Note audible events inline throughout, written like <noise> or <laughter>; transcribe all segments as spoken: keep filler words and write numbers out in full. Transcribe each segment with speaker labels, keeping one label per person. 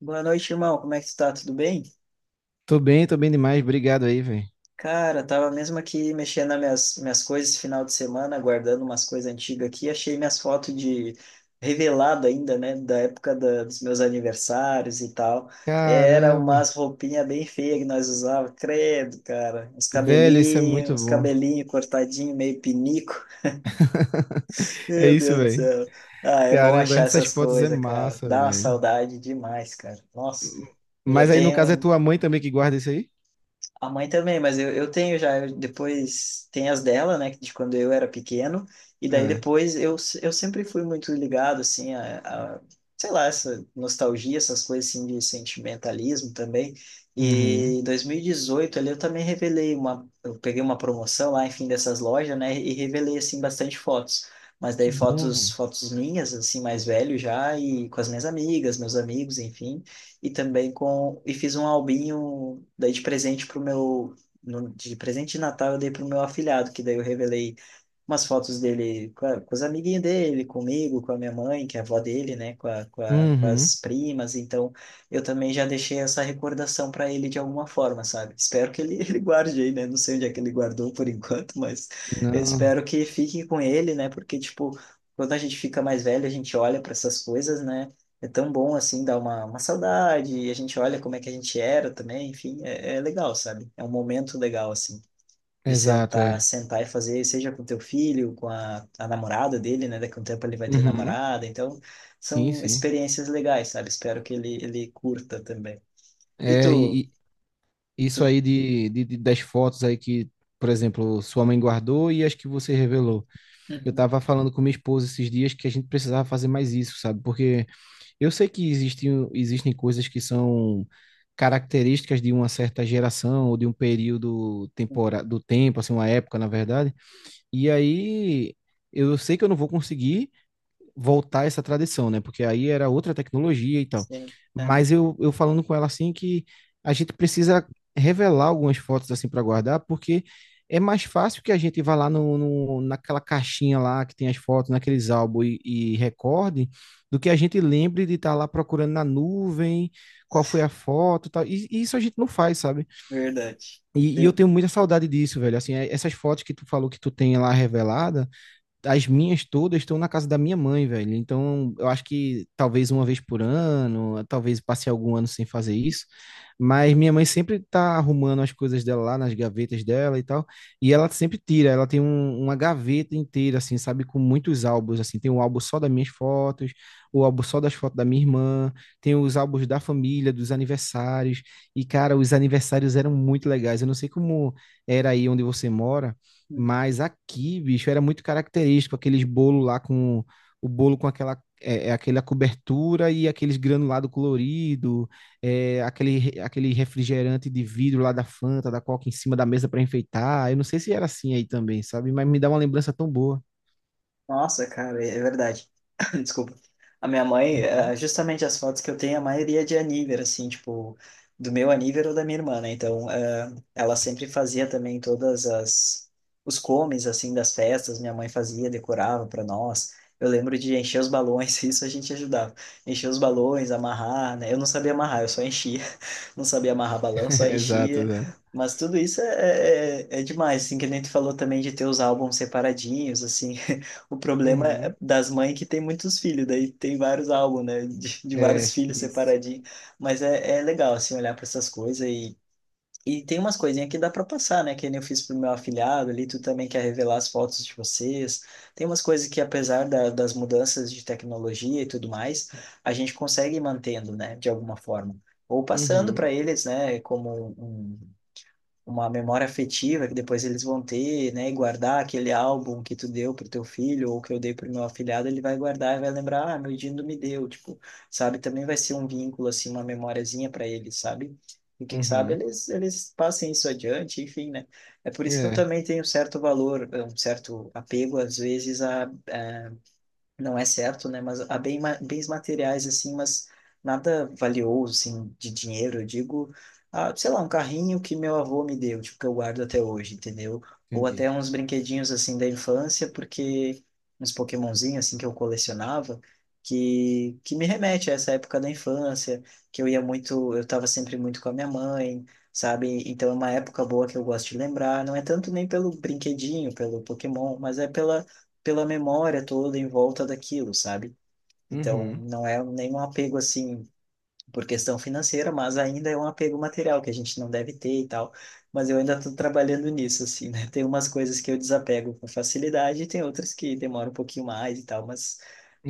Speaker 1: Boa noite, irmão. Como é que tu tá? Tudo bem?
Speaker 2: Tô bem, tô bem demais. Obrigado aí, velho.
Speaker 1: Cara, tava mesmo aqui mexendo nas minhas, minhas coisas esse final de semana, guardando umas coisas antigas aqui. Achei minhas fotos de revelado ainda, né? Da época da- dos meus aniversários e tal. Era
Speaker 2: Caramba.
Speaker 1: umas roupinhas bem feias que nós usávamos, credo, cara. Os
Speaker 2: Velho, isso é
Speaker 1: cabelinhos,
Speaker 2: muito
Speaker 1: os
Speaker 2: bom.
Speaker 1: cabelinhos cortadinho, meio pinico.
Speaker 2: <laughs>
Speaker 1: <laughs>
Speaker 2: É
Speaker 1: Meu
Speaker 2: isso,
Speaker 1: Deus do
Speaker 2: velho.
Speaker 1: céu. Ah, é bom
Speaker 2: Caramba,
Speaker 1: achar
Speaker 2: essas
Speaker 1: essas
Speaker 2: fotos é
Speaker 1: coisas, cara.
Speaker 2: massa,
Speaker 1: Dá uma
Speaker 2: velho.
Speaker 1: saudade demais, cara. Nossa. E eu
Speaker 2: Mas aí, no caso, é
Speaker 1: tenho.
Speaker 2: tua mãe também que guarda isso aí?
Speaker 1: A mãe também, mas eu, eu tenho já, eu- Depois tem as dela, né, de quando eu era pequeno, e daí
Speaker 2: Ah,
Speaker 1: depois eu, s- eu sempre fui muito ligado, assim, a, a, sei lá, essa nostalgia, essas coisas assim de sentimentalismo também, e
Speaker 2: uhum.
Speaker 1: em dois mil e dezoito ali eu também revelei uma, eu peguei uma promoção lá, enfim, dessas lojas, né, e revelei, assim, bastante fotos, mas
Speaker 2: Que
Speaker 1: daí
Speaker 2: bom,
Speaker 1: fotos,
Speaker 2: velho.
Speaker 1: fotos minhas, assim, mais velho já, e com as minhas amigas, meus amigos, enfim, e também com. E fiz um albinho, daí de presente pro meu. No- De presente de Natal eu dei pro meu afilhado, que daí eu revelei umas fotos dele com, a- com os amiguinhos dele, comigo, com a minha mãe, que é a avó dele, né, com, a, com, a, com
Speaker 2: Uhum.
Speaker 1: as primas, então eu também já deixei essa recordação para ele de alguma forma, sabe? Espero que ele, <laughs> ele guarde aí, né? Não sei onde é que ele guardou por enquanto, mas eu
Speaker 2: Não,
Speaker 1: espero que fique com ele, né? Porque, tipo, quando a gente fica mais velho, a gente olha para essas coisas, né? É tão bom assim, dá uma, uma saudade, e a gente olha como é que a gente era também, enfim, é, é legal, sabe? É um momento legal, assim de
Speaker 2: exato,
Speaker 1: sentar,
Speaker 2: é.
Speaker 1: sentar e fazer, seja com teu filho, com a, a namorada dele, né? Daqui a um tempo ele vai ter
Speaker 2: Uhum.
Speaker 1: namorada, então
Speaker 2: Sim,
Speaker 1: são
Speaker 2: sim.
Speaker 1: experiências legais, sabe? Espero que ele, ele curta também. E
Speaker 2: É,
Speaker 1: tu?
Speaker 2: e, e
Speaker 1: Tu...
Speaker 2: isso aí de, de, de- das fotos aí que, por exemplo, sua mãe guardou e as que você revelou. Eu
Speaker 1: Uhum,
Speaker 2: tava falando com minha esposa esses dias que a gente precisava fazer mais isso, sabe? Porque eu sei que existem, existem coisas que são características de uma certa geração ou de um período
Speaker 1: uhum,
Speaker 2: tempora, do tempo, assim, uma época, na verdade. E aí eu sei que eu não vou conseguir voltar essa tradição, né? Porque aí era outra tecnologia e tal.
Speaker 1: sim, é
Speaker 2: Mas eu, eu falando com ela assim que a gente precisa revelar algumas fotos assim para guardar, porque é mais fácil que a gente vá lá no, no- naquela caixinha lá que tem as fotos, naqueles álbuns e, e recorde, do que a gente lembre de estar lá procurando na nuvem qual foi a foto e tal. E, e isso a gente não faz, sabe?
Speaker 1: verdade.
Speaker 2: E, e eu tenho muita saudade disso, velho. Assim, é- essas fotos que tu falou que tu tem lá revelada, as minhas todas estão na casa da minha mãe, velho. Então, eu acho que talvez uma vez por ano, talvez passe algum ano sem fazer isso, mas minha mãe sempre tá arrumando as coisas dela lá nas gavetas dela e tal, e ela sempre tira, ela tem um- uma gaveta inteira, assim, sabe, com muitos álbuns, assim, tem um álbum só das minhas fotos, o álbum só das fotos da minha irmã, tem os álbuns da família, dos aniversários, e, cara, os aniversários eram muito legais, eu não sei como era aí onde você mora,
Speaker 1: Sim.
Speaker 2: mas aqui, bicho, era muito característico aqueles bolo lá com o bolo com aquela é, é, aquela cobertura e aqueles granulado colorido, é, aquele re- aquele refrigerante de vidro lá da Fanta, da Coca em cima da mesa para enfeitar. Eu não sei se era assim aí também, sabe? Mas me dá uma lembrança tão boa.
Speaker 1: Nossa, cara, é verdade. <laughs> <coughs> Desculpa. A minha mãe,
Speaker 2: Uhum.
Speaker 1: eh, justamente as fotos que eu tenho, a maioria é de aníver, assim, tipo, do meu aníver ou da minha irmã, né? Então, eh, ela sempre fazia também todas as os comes assim das festas, minha mãe fazia, decorava para nós. Eu lembro de encher os balões, <laughs> isso a gente ajudava. Encher os balões, amarrar, né? Eu não sabia amarrar, eu só enchia não sabia amarrar
Speaker 2: <laughs>
Speaker 1: balão, só
Speaker 2: Exato,
Speaker 1: enchia.
Speaker 2: exato.
Speaker 1: Mas tudo isso é, é, é é demais, assim, que nem tu falou também de ter os álbuns separadinhos, assim. <laughs> O problema é
Speaker 2: Uhum.
Speaker 1: das mães que tem muitos filhos, daí tem vários álbuns, né, de, de vários
Speaker 2: É,
Speaker 1: filhos
Speaker 2: isso.
Speaker 1: separadinhos. Mas é, é legal, assim, olhar para essas coisas e e tem umas coisinhas que dá pra passar, né? Que nem eu fiz pro meu afilhado ali, tu também quer revelar as fotos de vocês. Tem umas coisas que, apesar da- das mudanças de tecnologia e tudo mais, a gente consegue ir mantendo, né? De alguma forma. Ou passando para
Speaker 2: Uhum.
Speaker 1: eles, né? Como um, um uma memória afetiva que depois eles vão ter, né? E guardar aquele álbum que tu deu pro teu filho ou que eu dei pro meu afilhado, ele vai guardar e vai lembrar, ah, meu Dindo me deu, tipo, sabe? Também vai ser um vínculo, assim, uma memóriazinha para eles, sabe? E quem sabe
Speaker 2: Uhum.
Speaker 1: eles, eles passem isso adiante, enfim, né? É por isso que eu
Speaker 2: É,
Speaker 1: também tenho um certo valor, eh, um certo apego, às vezes, a, a não é certo, né? Mas há bem, ma- bens materiais, assim, mas nada valioso, assim, de dinheiro. Eu digo, ah, sei lá, um carrinho que meu avô me deu, tipo, que eu guardo até hoje, entendeu? Ou
Speaker 2: entendi.
Speaker 1: até uns brinquedinhos, assim, da infância, porque uns Pokémonzinhos, assim, que eu colecionava, que, que me remete a essa época da infância, que eu ia muito, eu estava sempre muito com a minha mãe, sabe? Então é uma época boa que eu gosto de lembrar. Não é tanto nem pelo brinquedinho, pelo Pokémon, mas é pela pela memória toda em volta daquilo, sabe? Então,
Speaker 2: Uhum.
Speaker 1: não é nenhum apego assim por questão financeira, mas ainda é um apego material que a gente não deve ter e tal. Mas eu ainda estou trabalhando nisso, assim, né? Tem umas coisas que eu desapego com facilidade e tem outras que demoram um pouquinho mais e tal, mas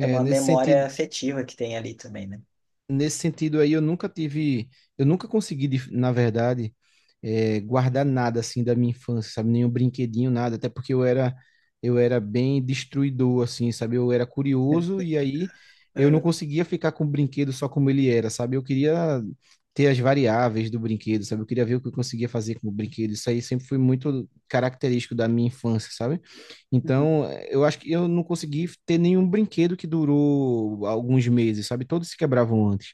Speaker 1: é uma
Speaker 2: nesse
Speaker 1: memória
Speaker 2: sentido,
Speaker 1: afetiva que tem ali também, né?
Speaker 2: nesse sentido aí eu nunca tive, eu nunca consegui, de- na verdade, eh, guardar nada assim da minha infância, sabe? Nenhum brinquedinho, nada, até porque eu era, eu era bem destruidor, assim, sabe? Eu era curioso e aí eu não
Speaker 1: Uhum,
Speaker 2: conseguia ficar com o brinquedo só como ele era, sabe? Eu queria ter as variáveis do brinquedo, sabe? Eu queria ver o que eu conseguia fazer com o brinquedo. Isso aí sempre foi muito característico da minha infância, sabe?
Speaker 1: uhum,
Speaker 2: Então, eu acho que eu não consegui ter nenhum brinquedo que durou alguns meses, sabe? Todos se quebravam antes.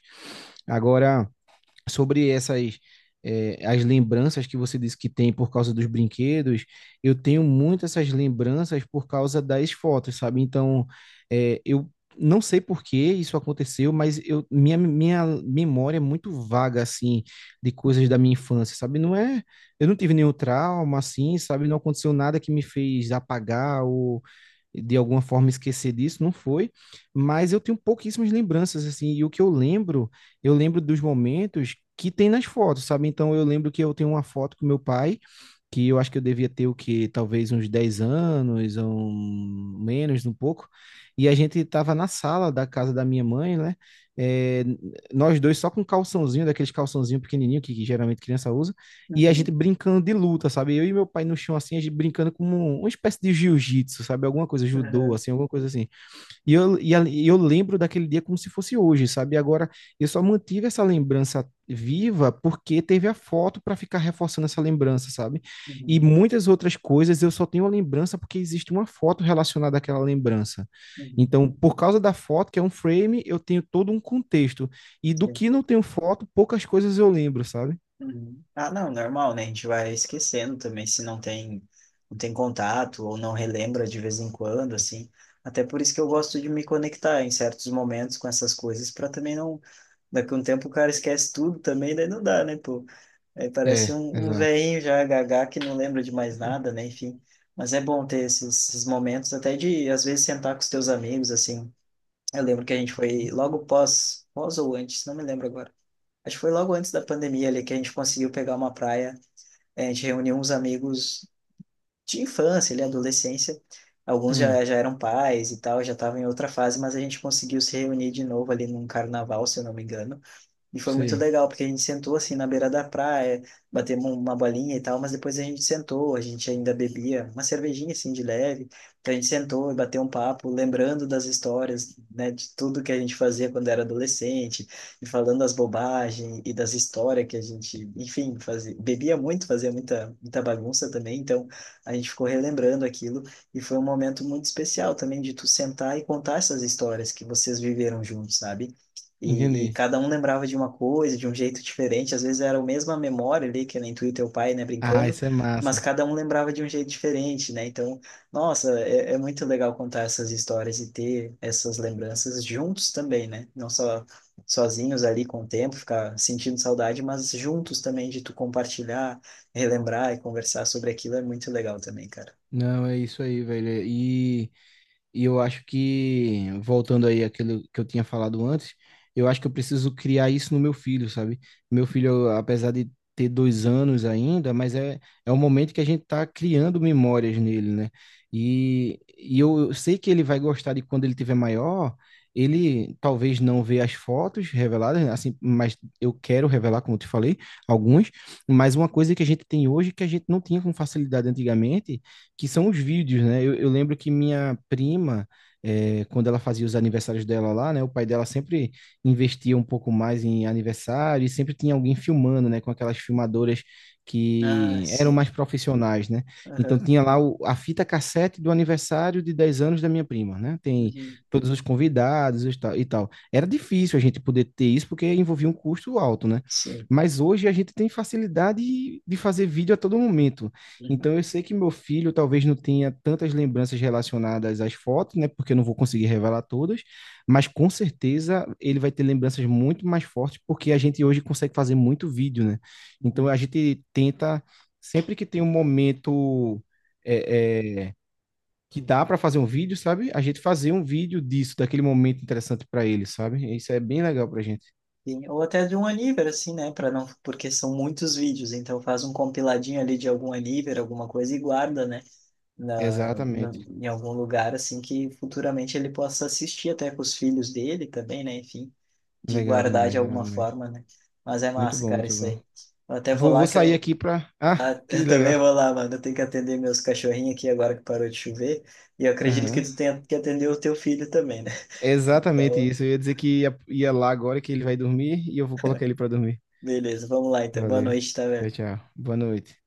Speaker 2: Agora, sobre essas, eh, as lembranças que você disse que tem por causa dos brinquedos, eu tenho muito essas lembranças por causa das fotos, sabe? Então, eh, eu não sei por que isso aconteceu, mas eu, minha, minha memória é muito vaga, assim, de coisas da minha infância, sabe? Não é, eu não tive nenhum trauma, assim, sabe? Não aconteceu nada que me fez apagar ou de alguma forma esquecer disso, não foi, mas eu tenho pouquíssimas lembranças, assim, e o que eu lembro, eu lembro dos momentos que tem nas fotos, sabe? Então eu lembro que eu tenho uma foto com meu pai, que eu acho que eu devia ter o que talvez uns dez anos ou menos um pouco, e a gente estava na sala da casa da minha mãe, né, é, nós dois só com calçãozinho, daqueles calçãozinho pequenininho que, que, geralmente criança usa, e a gente
Speaker 1: uhum,
Speaker 2: brincando de luta, sabe, eu e meu pai no chão assim a gente brincando como uma espécie de jiu-jitsu, sabe, alguma coisa judô,
Speaker 1: uhum,
Speaker 2: assim, alguma coisa assim, e eu, e a- e eu lembro daquele dia como se fosse hoje, sabe? E agora eu só mantive essa lembrança viva porque teve a foto para ficar reforçando essa lembrança, sabe? E
Speaker 1: uhum,
Speaker 2: muitas outras coisas eu só tenho a lembrança porque existe uma foto relacionada àquela lembrança. Então, por causa da foto, que é um frame, eu tenho todo um contexto. E do
Speaker 1: uhum.
Speaker 2: que não tenho foto, poucas coisas eu lembro, sabe?
Speaker 1: Uhum. Ah, não, normal, né? A gente vai esquecendo também se não tem, não tem contato ou não relembra de vez em quando, assim. Até por isso que eu gosto de me conectar em certos momentos com essas coisas, para também não. Daqui a um tempo o cara esquece tudo também, daí não dá, né, pô? Aí parece
Speaker 2: É,
Speaker 1: um, um
Speaker 2: exato.
Speaker 1: velhinho já gaga que não lembra de mais nada, né? Enfim. Mas é bom ter esses, esses momentos, até de, às vezes, sentar com os teus amigos, assim. Eu lembro que a gente foi logo pós, pós ou antes, não me lembro agora. Acho que foi logo antes da pandemia ali que a gente conseguiu pegar uma praia. eh, A gente reuniu uns amigos de infância, ali, adolescência. Alguns
Speaker 2: Hum,
Speaker 1: já, já eram pais e tal, já estavam em outra fase, mas a gente conseguiu se reunir de novo ali num carnaval, se eu não me engano. E foi muito
Speaker 2: sei.
Speaker 1: legal, porque a gente sentou assim na beira da praia, batemos um, uma bolinha e tal, mas depois a gente sentou, a gente ainda bebia uma cervejinha assim de leve. Então a gente sentou e bateu um papo, lembrando das histórias, né, de tudo que a gente fazia quando era adolescente, e falando das bobagens e das histórias que a gente, enfim, fazia, bebia muito, fazia muita, muita bagunça também. Então a gente ficou relembrando aquilo e foi um momento muito especial também de tu sentar e contar essas histórias que vocês viveram juntos, sabe? E, e
Speaker 2: Entendi.
Speaker 1: cada um lembrava de uma coisa, de um jeito diferente. Às vezes era a mesma memória ali, que nem tu e teu pai, né,
Speaker 2: Ah,
Speaker 1: brincando,
Speaker 2: isso é
Speaker 1: mas
Speaker 2: massa.
Speaker 1: cada um lembrava de um jeito diferente, né? Então, nossa, é, é muito legal contar essas histórias e ter essas lembranças juntos também, né? Não só sozinhos ali com o tempo, ficar sentindo saudade, mas juntos também de tu compartilhar, relembrar e conversar sobre aquilo é muito legal também, cara.
Speaker 2: Não, é isso aí, velho. E e eu acho que, voltando aí àquilo que eu tinha falado antes, eu acho que eu preciso criar isso no meu filho, sabe? Meu filho, apesar de ter dois anos ainda, mas é, é um momento que a gente tá criando memórias nele, né? E, e eu sei que ele vai gostar de quando ele tiver maior, ele talvez não vê as fotos reveladas, né? Assim, mas eu quero revelar, como eu te falei, alguns, mas uma coisa que a gente tem hoje que a gente não tinha com facilidade antigamente, que são os vídeos, né? Eu, eu lembro que minha prima, é, quando ela fazia os aniversários dela lá, né? O pai dela sempre investia um pouco mais em aniversário e sempre tinha alguém filmando, né? Com aquelas filmadoras
Speaker 1: Ah,
Speaker 2: que eram
Speaker 1: sim.
Speaker 2: mais profissionais, né? Então
Speaker 1: Aham.
Speaker 2: tinha lá o- a fita cassete do aniversário de dez anos da minha prima, né? Tem
Speaker 1: Uhum.
Speaker 2: todos os convidados e tal. e tal. Era difícil a gente poder ter isso porque envolvia um custo alto, né?
Speaker 1: Sim.
Speaker 2: Mas hoje a gente tem facilidade de fazer vídeo a todo momento.
Speaker 1: Uhum.
Speaker 2: Então eu sei que meu filho talvez não tenha tantas lembranças relacionadas às fotos, né? Porque eu não vou conseguir revelar todas, mas com certeza ele vai ter lembranças muito mais fortes, porque a gente hoje consegue fazer muito vídeo, né? Então
Speaker 1: Uhum.
Speaker 2: a gente tenta, sempre que tem um momento é, é, que dá para fazer um vídeo, sabe? A gente fazer um vídeo disso, daquele momento interessante para ele, sabe? Isso é bem legal pra gente.
Speaker 1: Sim, ou até de um Aniver, assim, né? Para não, porque são muitos vídeos, então faz um compiladinho ali de algum Aniver, alguma coisa e guarda, né? Na, na-
Speaker 2: Exatamente.
Speaker 1: em algum lugar, assim, que futuramente ele possa assistir até com os filhos dele também, né? Enfim, de
Speaker 2: Legal
Speaker 1: guardar de
Speaker 2: demais, legal
Speaker 1: alguma
Speaker 2: demais.
Speaker 1: forma, né? Mas é
Speaker 2: Muito
Speaker 1: massa,
Speaker 2: bom,
Speaker 1: cara,
Speaker 2: muito
Speaker 1: isso
Speaker 2: bom.
Speaker 1: aí. Eu até vou
Speaker 2: Vou,
Speaker 1: lá
Speaker 2: vou
Speaker 1: que
Speaker 2: sair
Speaker 1: eu,
Speaker 2: aqui pra. Ah,
Speaker 1: ah, <laughs>
Speaker 2: que
Speaker 1: eu
Speaker 2: legal.
Speaker 1: também vou lá, mano. Eu tenho que atender meus cachorrinhos aqui agora que parou de chover. E eu acredito que
Speaker 2: Aham.
Speaker 1: tu tenha que atender o teu filho também, né? <laughs>
Speaker 2: É exatamente
Speaker 1: Então,
Speaker 2: isso. Eu ia dizer que ia, ia lá agora que ele vai dormir e eu vou colocar ele pra dormir.
Speaker 1: beleza, vamos lá então. Boa
Speaker 2: Valeu.
Speaker 1: noite, tá,
Speaker 2: Tchau,
Speaker 1: velho?
Speaker 2: tchau. Boa noite.